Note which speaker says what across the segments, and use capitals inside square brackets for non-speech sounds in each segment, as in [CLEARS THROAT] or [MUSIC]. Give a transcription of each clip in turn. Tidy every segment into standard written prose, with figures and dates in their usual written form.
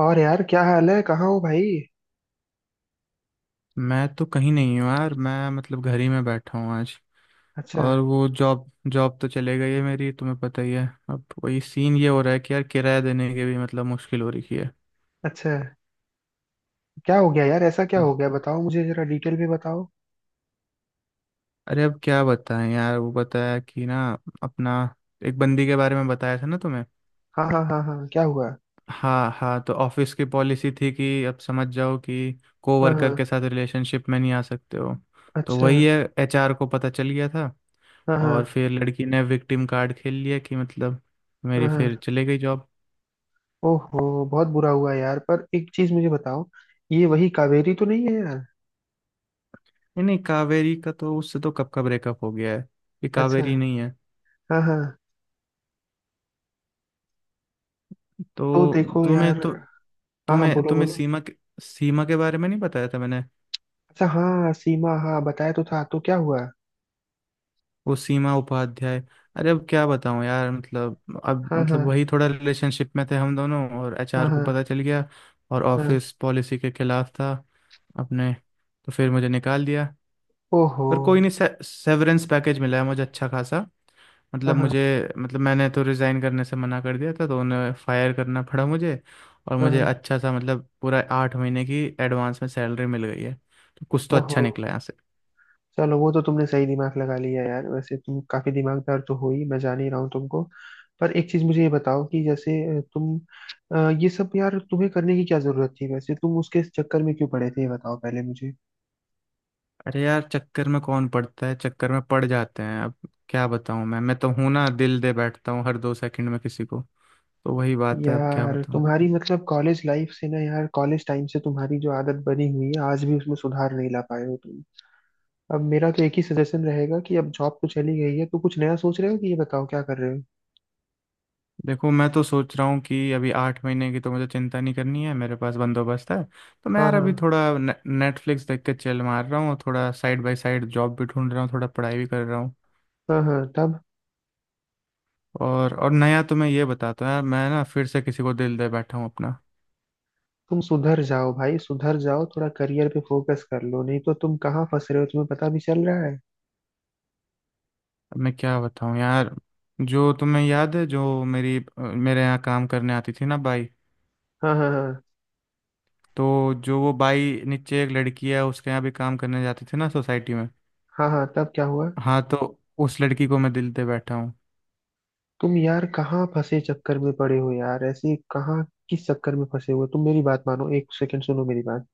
Speaker 1: और यार क्या हाल है? कहाँ हो भाई?
Speaker 2: मैं तो कहीं नहीं हूँ यार। मैं मतलब घर ही में बैठा हूँ आज।
Speaker 1: अच्छा।
Speaker 2: और वो जॉब जॉब तो चले गई है मेरी, तुम्हें पता ही है। अब वही सीन ये हो रहा है कि यार किराया देने के भी मतलब मुश्किल हो रही है।
Speaker 1: अच्छा, क्या हो गया यार? ऐसा क्या हो गया? बताओ मुझे, जरा डिटेल में बताओ।
Speaker 2: अरे अब क्या बताएं यार, वो बताया कि ना अपना एक बंदी के बारे में बताया था ना तुम्हें।
Speaker 1: हाँ हाँ हाँ हाँ, क्या हुआ?
Speaker 2: हाँ हाँ, तो ऑफिस की पॉलिसी थी कि अब समझ जाओ कि
Speaker 1: हाँ
Speaker 2: कोवर्कर के
Speaker 1: हाँ।
Speaker 2: साथ रिलेशनशिप में नहीं आ सकते हो। तो
Speaker 1: अच्छा।
Speaker 2: वही है, एचआर को पता चल गया था।
Speaker 1: हाँ
Speaker 2: और
Speaker 1: हाँ
Speaker 2: फिर लड़की ने विक्टिम कार्ड खेल लिया कि मतलब मेरी
Speaker 1: हाँ
Speaker 2: फिर
Speaker 1: हाँ।
Speaker 2: चले गई जॉब।
Speaker 1: ओहो, बहुत बुरा हुआ यार। पर एक चीज मुझे बताओ, ये वही कावेरी तो नहीं है यार?
Speaker 2: नहीं नहीं, कावेरी का तो उससे तो कब का ब्रेकअप हो गया है। ये
Speaker 1: अच्छा।
Speaker 2: कावेरी नहीं है।
Speaker 1: हाँ हाँ। तो देखो यार।
Speaker 2: तो
Speaker 1: हाँ हाँ,
Speaker 2: तुम्हें
Speaker 1: बोलो
Speaker 2: तुम्हें
Speaker 1: बोलो।
Speaker 2: सीमा के बारे में नहीं बताया था मैंने।
Speaker 1: अच्छा, हाँ सीमा, हाँ बताया तो था, तो क्या हुआ?
Speaker 2: वो सीमा उपाध्याय। अरे अब क्या बताऊं यार, मतलब अब
Speaker 1: हाँ
Speaker 2: मतलब
Speaker 1: हाँ।
Speaker 2: वही थोड़ा रिलेशनशिप में थे हम दोनों, और
Speaker 1: हाँ
Speaker 2: एचआर को
Speaker 1: हाँ।
Speaker 2: पता चल गया। और
Speaker 1: हाँ।
Speaker 2: ऑफिस पॉलिसी के खिलाफ था अपने, तो फिर मुझे निकाल दिया।
Speaker 1: ओहो।
Speaker 2: पर कोई नहीं, सेवरेंस पैकेज मिला है मुझे अच्छा खासा।
Speaker 1: हाँ
Speaker 2: मतलब
Speaker 1: हाँ,
Speaker 2: मुझे, मतलब मैंने तो रिज़ाइन करने से मना कर दिया था तो उन्हें फायर करना पड़ा मुझे। और
Speaker 1: हाँ
Speaker 2: मुझे
Speaker 1: हाँ,
Speaker 2: अच्छा सा मतलब पूरा 8 महीने की एडवांस में सैलरी मिल गई है। तो कुछ तो अच्छा
Speaker 1: ओहो।
Speaker 2: निकला यहाँ से।
Speaker 1: चलो, वो तो तुमने सही दिमाग लगा लिया यार। वैसे तुम काफी दिमागदार तो हो ही, मैं जान ही रहा हूँ तुमको। पर एक चीज मुझे ये बताओ कि जैसे तुम ये सब यार तुम्हें करने की क्या जरूरत थी? वैसे तुम उसके चक्कर में क्यों पड़े थे, ये बताओ पहले मुझे।
Speaker 2: अरे यार चक्कर में कौन पड़ता है, चक्कर में पड़ जाते हैं। अब क्या बताऊँ, मैं तो हूं ना, दिल दे बैठता हूँ हर 2 सेकंड में किसी को। तो वही बात है, अब क्या
Speaker 1: यार
Speaker 2: बताऊँ।
Speaker 1: तुम्हारी मतलब कॉलेज लाइफ से ना यार, कॉलेज टाइम से तुम्हारी जो आदत बनी हुई है, आज भी उसमें सुधार नहीं ला पाए हो तुम। अब मेरा तो एक ही सजेशन रहेगा कि अब जॉब तो चली गई है, तो कुछ नया सोच रहे हो कि, ये बताओ क्या कर रहे हो।
Speaker 2: देखो, मैं तो सोच रहा हूँ कि अभी 8 महीने की तो मुझे चिंता नहीं करनी है, मेरे पास बंदोबस्त है। तो मैं
Speaker 1: हाँ
Speaker 2: यार अभी
Speaker 1: हाँ।
Speaker 2: थोड़ा नेटफ्लिक्स देख के चिल मार रहा हूँ, थोड़ा साइड बाय साइड जॉब भी ढूंढ रहा हूँ, थोड़ा पढ़ाई भी कर रहा हूँ।
Speaker 1: हाँ हाँ तब।
Speaker 2: और नया तो मैं ये बताता हूँ यार, मैं ना फिर से किसी को दिल दे बैठा हूँ अपना।
Speaker 1: तुम सुधर जाओ भाई, सुधर जाओ। थोड़ा करियर पे फोकस कर लो, नहीं तो तुम कहाँ फंस रहे हो तुम्हें पता भी चल रहा है?
Speaker 2: अब मैं क्या बताऊँ यार। जो तुम्हें याद है जो मेरी मेरे यहाँ काम करने आती थी ना बाई,
Speaker 1: हाँ हाँ हाँ।
Speaker 2: तो जो वो बाई नीचे एक लड़की है उसके यहाँ भी काम करने जाती थी ना सोसाइटी में।
Speaker 1: हाँ हाँ तब क्या हुआ?
Speaker 2: हाँ, तो उस लड़की को मैं दिल दे बैठा हूँ।
Speaker 1: तुम यार कहाँ फंसे चक्कर में पड़े हो यार, ऐसे कहाँ? किस चक्कर में फंसे हुए हो? तुम मेरी बात मानो, एक सेकंड सुनो मेरी बात।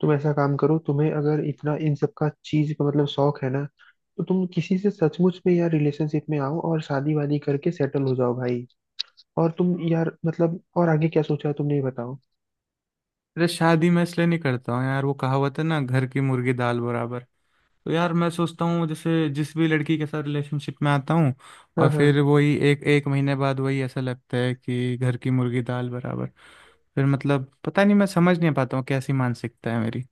Speaker 1: तुम ऐसा काम करो, तुम्हें अगर इतना इन सब का चीज का मतलब शौक है ना, तो तुम किसी से सचमुच में यार रिलेशनशिप में आओ और शादी वादी करके सेटल हो जाओ भाई। और तुम यार मतलब और आगे क्या सोचा है तुमने, ये बताओ।
Speaker 2: अरे शादी मैं इसलिए नहीं करता हूँ यार, वो कहावत है ना घर की मुर्गी दाल बराबर। तो यार मैं सोचता हूँ जैसे जिस भी लड़की के साथ रिलेशनशिप में आता हूँ,
Speaker 1: हाँ
Speaker 2: और फिर
Speaker 1: हाँ।
Speaker 2: वही एक एक महीने बाद वही ऐसा लगता है कि घर की मुर्गी दाल बराबर। फिर मतलब पता नहीं, मैं समझ नहीं पाता हूँ कैसी मानसिकता है मेरी।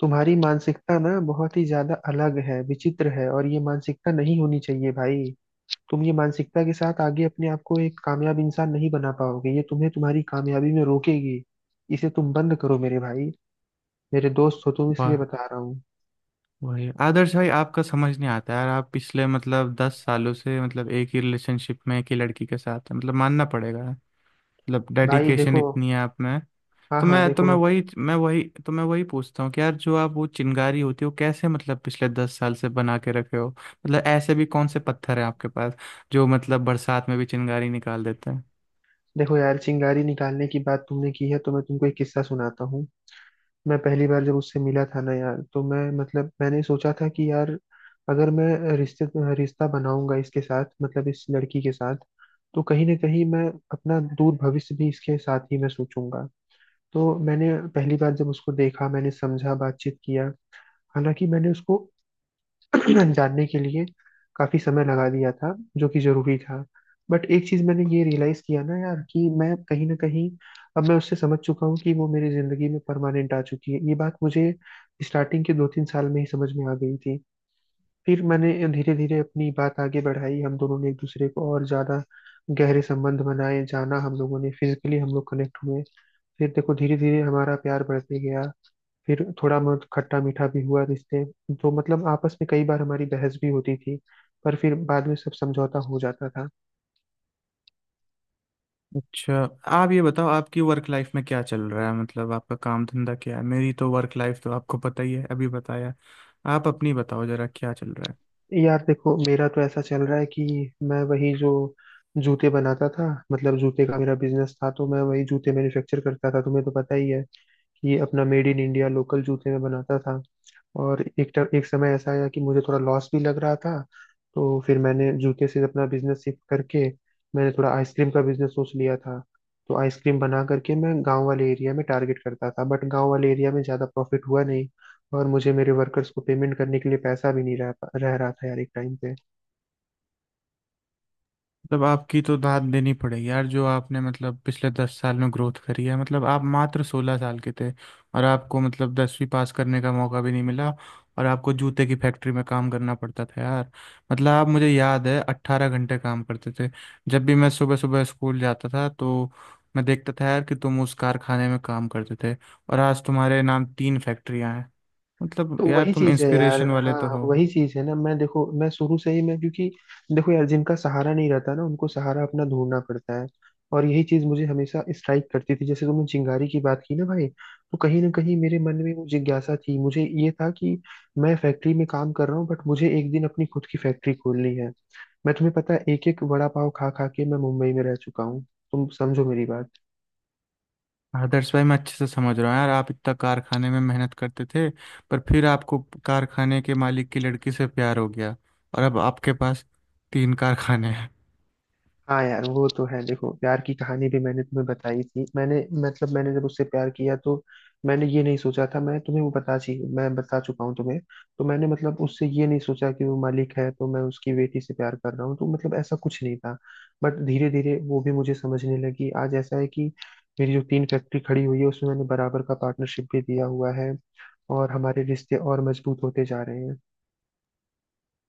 Speaker 1: तुम्हारी मानसिकता ना बहुत ही ज्यादा अलग है, विचित्र है, और ये मानसिकता नहीं होनी चाहिए भाई। तुम ये मानसिकता के साथ आगे अपने आप को एक कामयाब इंसान नहीं बना पाओगे, ये तुम्हें तुम्हारी कामयाबी में रोकेगी। इसे तुम बंद करो मेरे भाई। मेरे दोस्त हो तुम,
Speaker 2: वाह।
Speaker 1: इसलिए बता रहा हूँ।
Speaker 2: वही आदर्श भाई आपका समझ नहीं आता यार, आप पिछले मतलब 10 सालों से मतलब एक ही रिलेशनशिप में एक ही लड़की के साथ हैं, मतलब मानना पड़ेगा। मतलब
Speaker 1: भाई
Speaker 2: डेडिकेशन
Speaker 1: देखो।
Speaker 2: इतनी है आप में।
Speaker 1: हाँ हाँ
Speaker 2: तो
Speaker 1: देखो।
Speaker 2: मैं वही तो मैं वही पूछता हूँ कि यार जो आप वो चिंगारी होती है वो कैसे मतलब पिछले 10 साल से बना के रखे हो, मतलब ऐसे भी कौन से पत्थर हैं आपके पास जो मतलब बरसात में भी चिंगारी निकाल देते हैं।
Speaker 1: देखो यार, चिंगारी निकालने की बात तुमने की है, तो मैं तुमको एक किस्सा सुनाता हूँ। मैं पहली बार जब उससे मिला था ना यार, तो मैं मतलब मैंने सोचा था कि यार, अगर मैं रिश्ते रिश्ता बनाऊंगा इसके साथ, मतलब इस लड़की के साथ, तो कहीं ना कहीं मैं अपना दूर भविष्य भी इसके साथ ही मैं सोचूंगा। तो मैंने पहली बार जब उसको देखा, मैंने समझा, बातचीत किया। हालांकि मैंने उसको [CLEARS THROAT] जानने के लिए काफी समय लगा दिया था, जो कि जरूरी था। बट एक चीज मैंने ये रियलाइज किया ना यार कि मैं कहीं ना कहीं, अब मैं उससे समझ चुका हूँ कि वो मेरी जिंदगी में परमानेंट आ चुकी है। ये बात मुझे स्टार्टिंग के दो तीन साल में ही समझ में आ गई थी। फिर मैंने धीरे धीरे अपनी बात आगे बढ़ाई। हम दोनों ने एक दूसरे को और ज्यादा गहरे संबंध बनाए, जाना, हम लोगों ने फिजिकली हम लोग कनेक्ट हुए। फिर देखो धीरे धीरे हमारा प्यार बढ़ते गया। फिर थोड़ा बहुत खट्टा मीठा भी हुआ रिश्ते, तो मतलब आपस में कई बार हमारी बहस भी होती थी, पर फिर बाद में सब समझौता हो जाता था।
Speaker 2: अच्छा, आप ये बताओ आपकी वर्क लाइफ में क्या चल रहा है, मतलब आपका काम धंधा क्या है। मेरी तो वर्क लाइफ तो आपको पता ही है अभी बताया, आप अपनी बताओ जरा क्या चल रहा है।
Speaker 1: यार देखो, मेरा तो ऐसा चल रहा है कि मैं वही जो जूते बनाता था, मतलब जूते का मेरा बिजनेस था, तो मैं वही जूते मैन्युफैक्चर करता था, तुम्हें तो पता ही है कि अपना मेड इन इंडिया लोकल जूते में बनाता था। और एक समय ऐसा आया कि मुझे थोड़ा लॉस भी लग रहा था। तो फिर मैंने जूते से अपना बिजनेस शिफ्ट करके मैंने थोड़ा आइसक्रीम का बिजनेस सोच लिया था। तो आइसक्रीम बना करके मैं गांव वाले एरिया में टारगेट करता था, बट गांव वाले एरिया में ज़्यादा प्रॉफिट हुआ नहीं, और मुझे मेरे वर्कर्स को पेमेंट करने के लिए पैसा भी नहीं रह रहा था यार एक टाइम पे।
Speaker 2: मतलब आपकी तो दाद देनी पड़ेगी यार जो आपने मतलब पिछले 10 साल में ग्रोथ करी है, मतलब आप मात्र 16 साल के थे और आपको मतलब 10वीं पास करने का मौका भी नहीं मिला और आपको जूते की फैक्ट्री में काम करना पड़ता था यार। मतलब आप, मुझे याद है, 18 घंटे काम करते थे। जब भी मैं सुबह सुबह स्कूल जाता था तो मैं देखता था यार कि तुम उस कारखाने में काम करते थे। और आज तुम्हारे नाम तीन फैक्ट्रियां हैं, मतलब
Speaker 1: तो
Speaker 2: यार
Speaker 1: वही
Speaker 2: तुम
Speaker 1: चीज है यार,
Speaker 2: इंस्पिरेशन वाले तो
Speaker 1: हाँ
Speaker 2: हो।
Speaker 1: वही चीज है ना। मैं देखो मैं शुरू से ही मैं, क्योंकि देखो यार, जिनका सहारा नहीं रहता ना, उनको सहारा अपना ढूंढना पड़ता है। और यही चीज मुझे हमेशा स्ट्राइक करती थी। जैसे तुमने चिंगारी की बात की ना भाई, तो कहीं ना कहीं मेरे मन में वो जिज्ञासा थी, मुझे ये था कि मैं फैक्ट्री में काम कर रहा हूँ, बट मुझे एक दिन अपनी खुद की फैक्ट्री खोलनी है। मैं, तुम्हें पता है, एक एक वड़ा पाव खा खा के मैं मुंबई में रह चुका हूँ। तुम समझो मेरी बात।
Speaker 2: आदर्श भाई मैं अच्छे से समझ रहा हूँ यार, आप इतना कारखाने में मेहनत करते थे, पर फिर आपको कारखाने के मालिक की लड़की से प्यार हो गया और अब आपके पास तीन कारखाने हैं।
Speaker 1: हाँ यार वो तो है। देखो प्यार की कहानी भी मैंने तुम्हें बताई थी मैंने। मतलब मैंने जब उससे प्यार किया, तो मैंने ये नहीं सोचा था, मैं तुम्हें वो बता ची मैं बता चुका हूँ तुम्हें। तो मैंने मतलब उससे ये नहीं सोचा कि वो मालिक है तो मैं उसकी बेटी से प्यार कर रहा हूँ, तो मतलब ऐसा कुछ नहीं था। बट धीरे धीरे वो भी मुझे समझने लगी। आज ऐसा है कि मेरी जो तीन फैक्ट्री खड़ी हुई है, उसमें मैंने बराबर का पार्टनरशिप भी दिया हुआ है, और हमारे रिश्ते और मजबूत होते जा रहे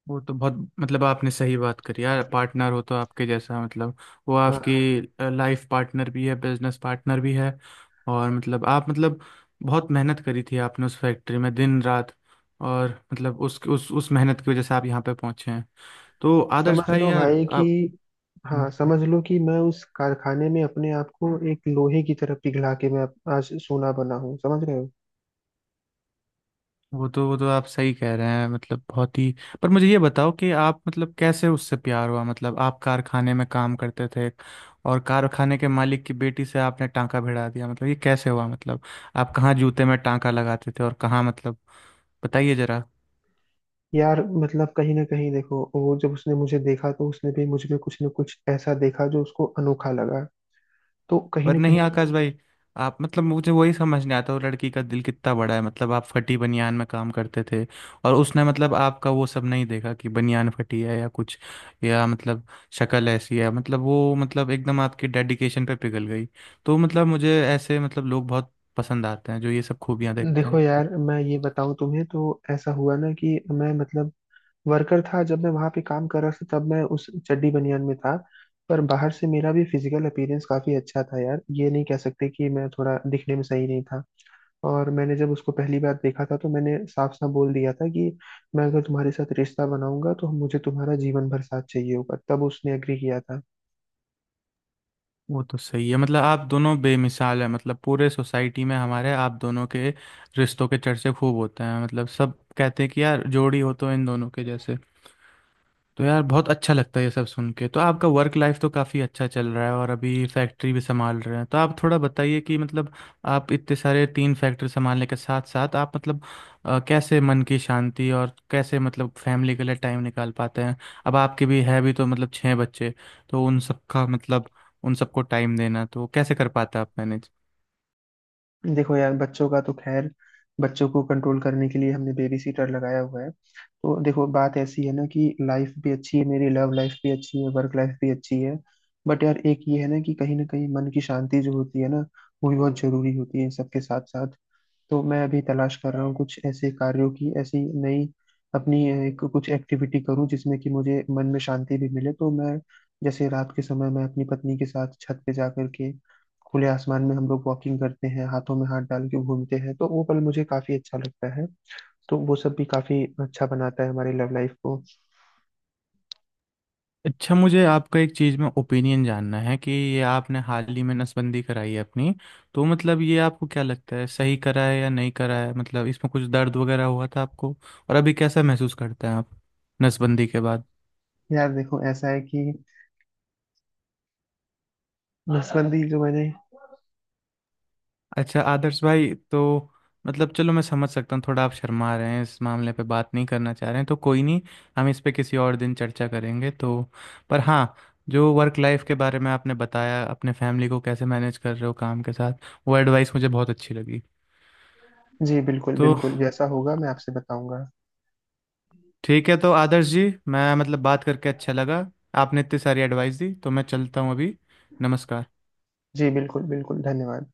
Speaker 2: वो तो बहुत, मतलब आपने सही बात करी यार, पार्टनर हो तो आपके जैसा, मतलब वो आपकी
Speaker 1: हैं।
Speaker 2: लाइफ पार्टनर भी है बिजनेस पार्टनर भी है। और मतलब आप मतलब बहुत मेहनत करी थी आपने उस फैक्ट्री में दिन रात, और मतलब उस मेहनत की वजह से आप यहाँ पे पहुंचे हैं। तो
Speaker 1: समझ
Speaker 2: आदर्श भाई
Speaker 1: लो
Speaker 2: यार
Speaker 1: भाई कि,
Speaker 2: आप। हम्म।
Speaker 1: हाँ समझ लो कि मैं उस कारखाने में अपने आप को एक लोहे की तरह पिघला के मैं अब आज सोना बना हूँ, समझ रहे हो?
Speaker 2: वो तो आप सही कह रहे हैं, मतलब बहुत ही। पर मुझे ये बताओ कि आप मतलब कैसे उससे प्यार हुआ, मतलब आप कारखाने में काम करते थे और कारखाने के मालिक की बेटी से आपने टांका भिड़ा दिया। मतलब ये कैसे हुआ, मतलब आप कहाँ जूते में टांका लगाते थे और कहाँ मतलब, बताइए जरा।
Speaker 1: यार मतलब कहीं ना कहीं देखो, वो जब उसने मुझे देखा, तो उसने भी मुझ में कुछ ना कुछ ऐसा देखा जो उसको अनोखा लगा। तो कहीं
Speaker 2: पर
Speaker 1: ना
Speaker 2: नहीं
Speaker 1: कहीं।
Speaker 2: आकाश भाई, आप मतलब मुझे वही समझ नहीं आता वो लड़की का दिल कितना बड़ा है, मतलब आप फटी बनियान में काम करते थे और उसने मतलब आपका वो सब नहीं देखा कि बनियान फटी है या कुछ या मतलब शक्ल ऐसी है, मतलब वो मतलब एकदम आपकी डेडिकेशन पे पिघल गई। तो मतलब मुझे ऐसे मतलब लोग बहुत पसंद आते हैं जो ये सब खूबियां देखते
Speaker 1: देखो
Speaker 2: हैं।
Speaker 1: यार, मैं ये बताऊं तुम्हें, तो ऐसा हुआ ना कि मैं मतलब वर्कर था, जब मैं वहां पे काम कर रहा था तब मैं उस चड्डी बनियान में था। पर बाहर से मेरा भी फिजिकल अपीयरेंस काफी अच्छा था यार, ये नहीं कह सकते कि मैं थोड़ा दिखने में सही नहीं था। और मैंने जब उसको पहली बार देखा था, तो मैंने साफ साफ बोल दिया था कि मैं अगर तुम्हारे साथ रिश्ता बनाऊंगा, तो मुझे तुम्हारा जीवन भर साथ चाहिए होगा। तब उसने एग्री किया था।
Speaker 2: वो तो सही है, मतलब आप दोनों बेमिसाल हैं, मतलब पूरे सोसाइटी में हमारे आप दोनों के रिश्तों के चर्चे खूब होते हैं, मतलब सब कहते हैं कि यार जोड़ी हो तो इन दोनों के जैसे। तो यार बहुत अच्छा लगता है ये सब सुन के। तो आपका वर्क लाइफ तो काफ़ी अच्छा चल रहा है और अभी फैक्ट्री भी संभाल रहे हैं तो आप थोड़ा बताइए कि मतलब आप इतने सारे तीन फैक्ट्री संभालने के साथ साथ आप मतलब कैसे मन की शांति और कैसे मतलब फैमिली के लिए टाइम निकाल पाते हैं। अब आपके भी है भी तो मतलब छः बच्चे, तो उन सबका मतलब उन सबको टाइम देना तो कैसे कर पाते हैं आप मैनेज।
Speaker 1: देखो यार, बच्चों का तो खैर, बच्चों को कंट्रोल करने के लिए हमने बेबी सीटर लगाया हुआ है। तो देखो बात ऐसी है ना कि लाइफ भी अच्छी है, मेरी लव लाइफ भी अच्छी है, वर्क लाइफ भी अच्छी है। बट यार एक ये है ना कि कहीं ना कहीं मन की शांति जो होती है ना, वो भी बहुत जरूरी होती है सबके साथ साथ। तो मैं अभी तलाश कर रहा हूँ कुछ ऐसे कार्यों की, ऐसी नई अपनी कुछ एक्टिविटी करूँ जिसमें कि मुझे मन में शांति भी मिले। तो मैं, जैसे रात के समय मैं अपनी पत्नी के साथ छत पे जा करके खुले आसमान में हम लोग वॉकिंग करते हैं, हाथों में हाथ डाल के घूमते हैं, तो वो पल मुझे काफी अच्छा लगता है। तो वो सब भी काफी अच्छा बनाता है हमारी लव लाइफ को।
Speaker 2: अच्छा, मुझे आपका एक चीज़ में ओपिनियन जानना है कि ये आपने हाल ही में नसबंदी कराई है अपनी, तो मतलब ये आपको क्या लगता है सही करा है या नहीं करा है, मतलब इसमें कुछ दर्द वगैरह हुआ था आपको और अभी कैसा महसूस करते हैं आप नसबंदी के बाद।
Speaker 1: यार देखो, ऐसा है कि नसबंदी जो मैंने।
Speaker 2: अच्छा आदर्श भाई तो मतलब चलो मैं समझ सकता हूँ थोड़ा आप शर्मा रहे हैं इस मामले पे बात नहीं करना चाह रहे हैं तो कोई नहीं, हम इस पे किसी और दिन चर्चा करेंगे। तो पर हाँ, जो वर्क लाइफ के बारे में आपने बताया अपने फैमिली को कैसे मैनेज कर रहे हो काम के साथ, वो एडवाइस मुझे बहुत अच्छी लगी।
Speaker 1: जी बिल्कुल
Speaker 2: तो
Speaker 1: बिल्कुल, जैसा होगा मैं आपसे बताऊंगा।
Speaker 2: ठीक है तो आदर्श जी, मैं मतलब बात करके अच्छा लगा। आपने इतनी सारी एडवाइस दी, तो मैं चलता हूँ अभी। नमस्कार।
Speaker 1: जी बिल्कुल बिल्कुल, धन्यवाद।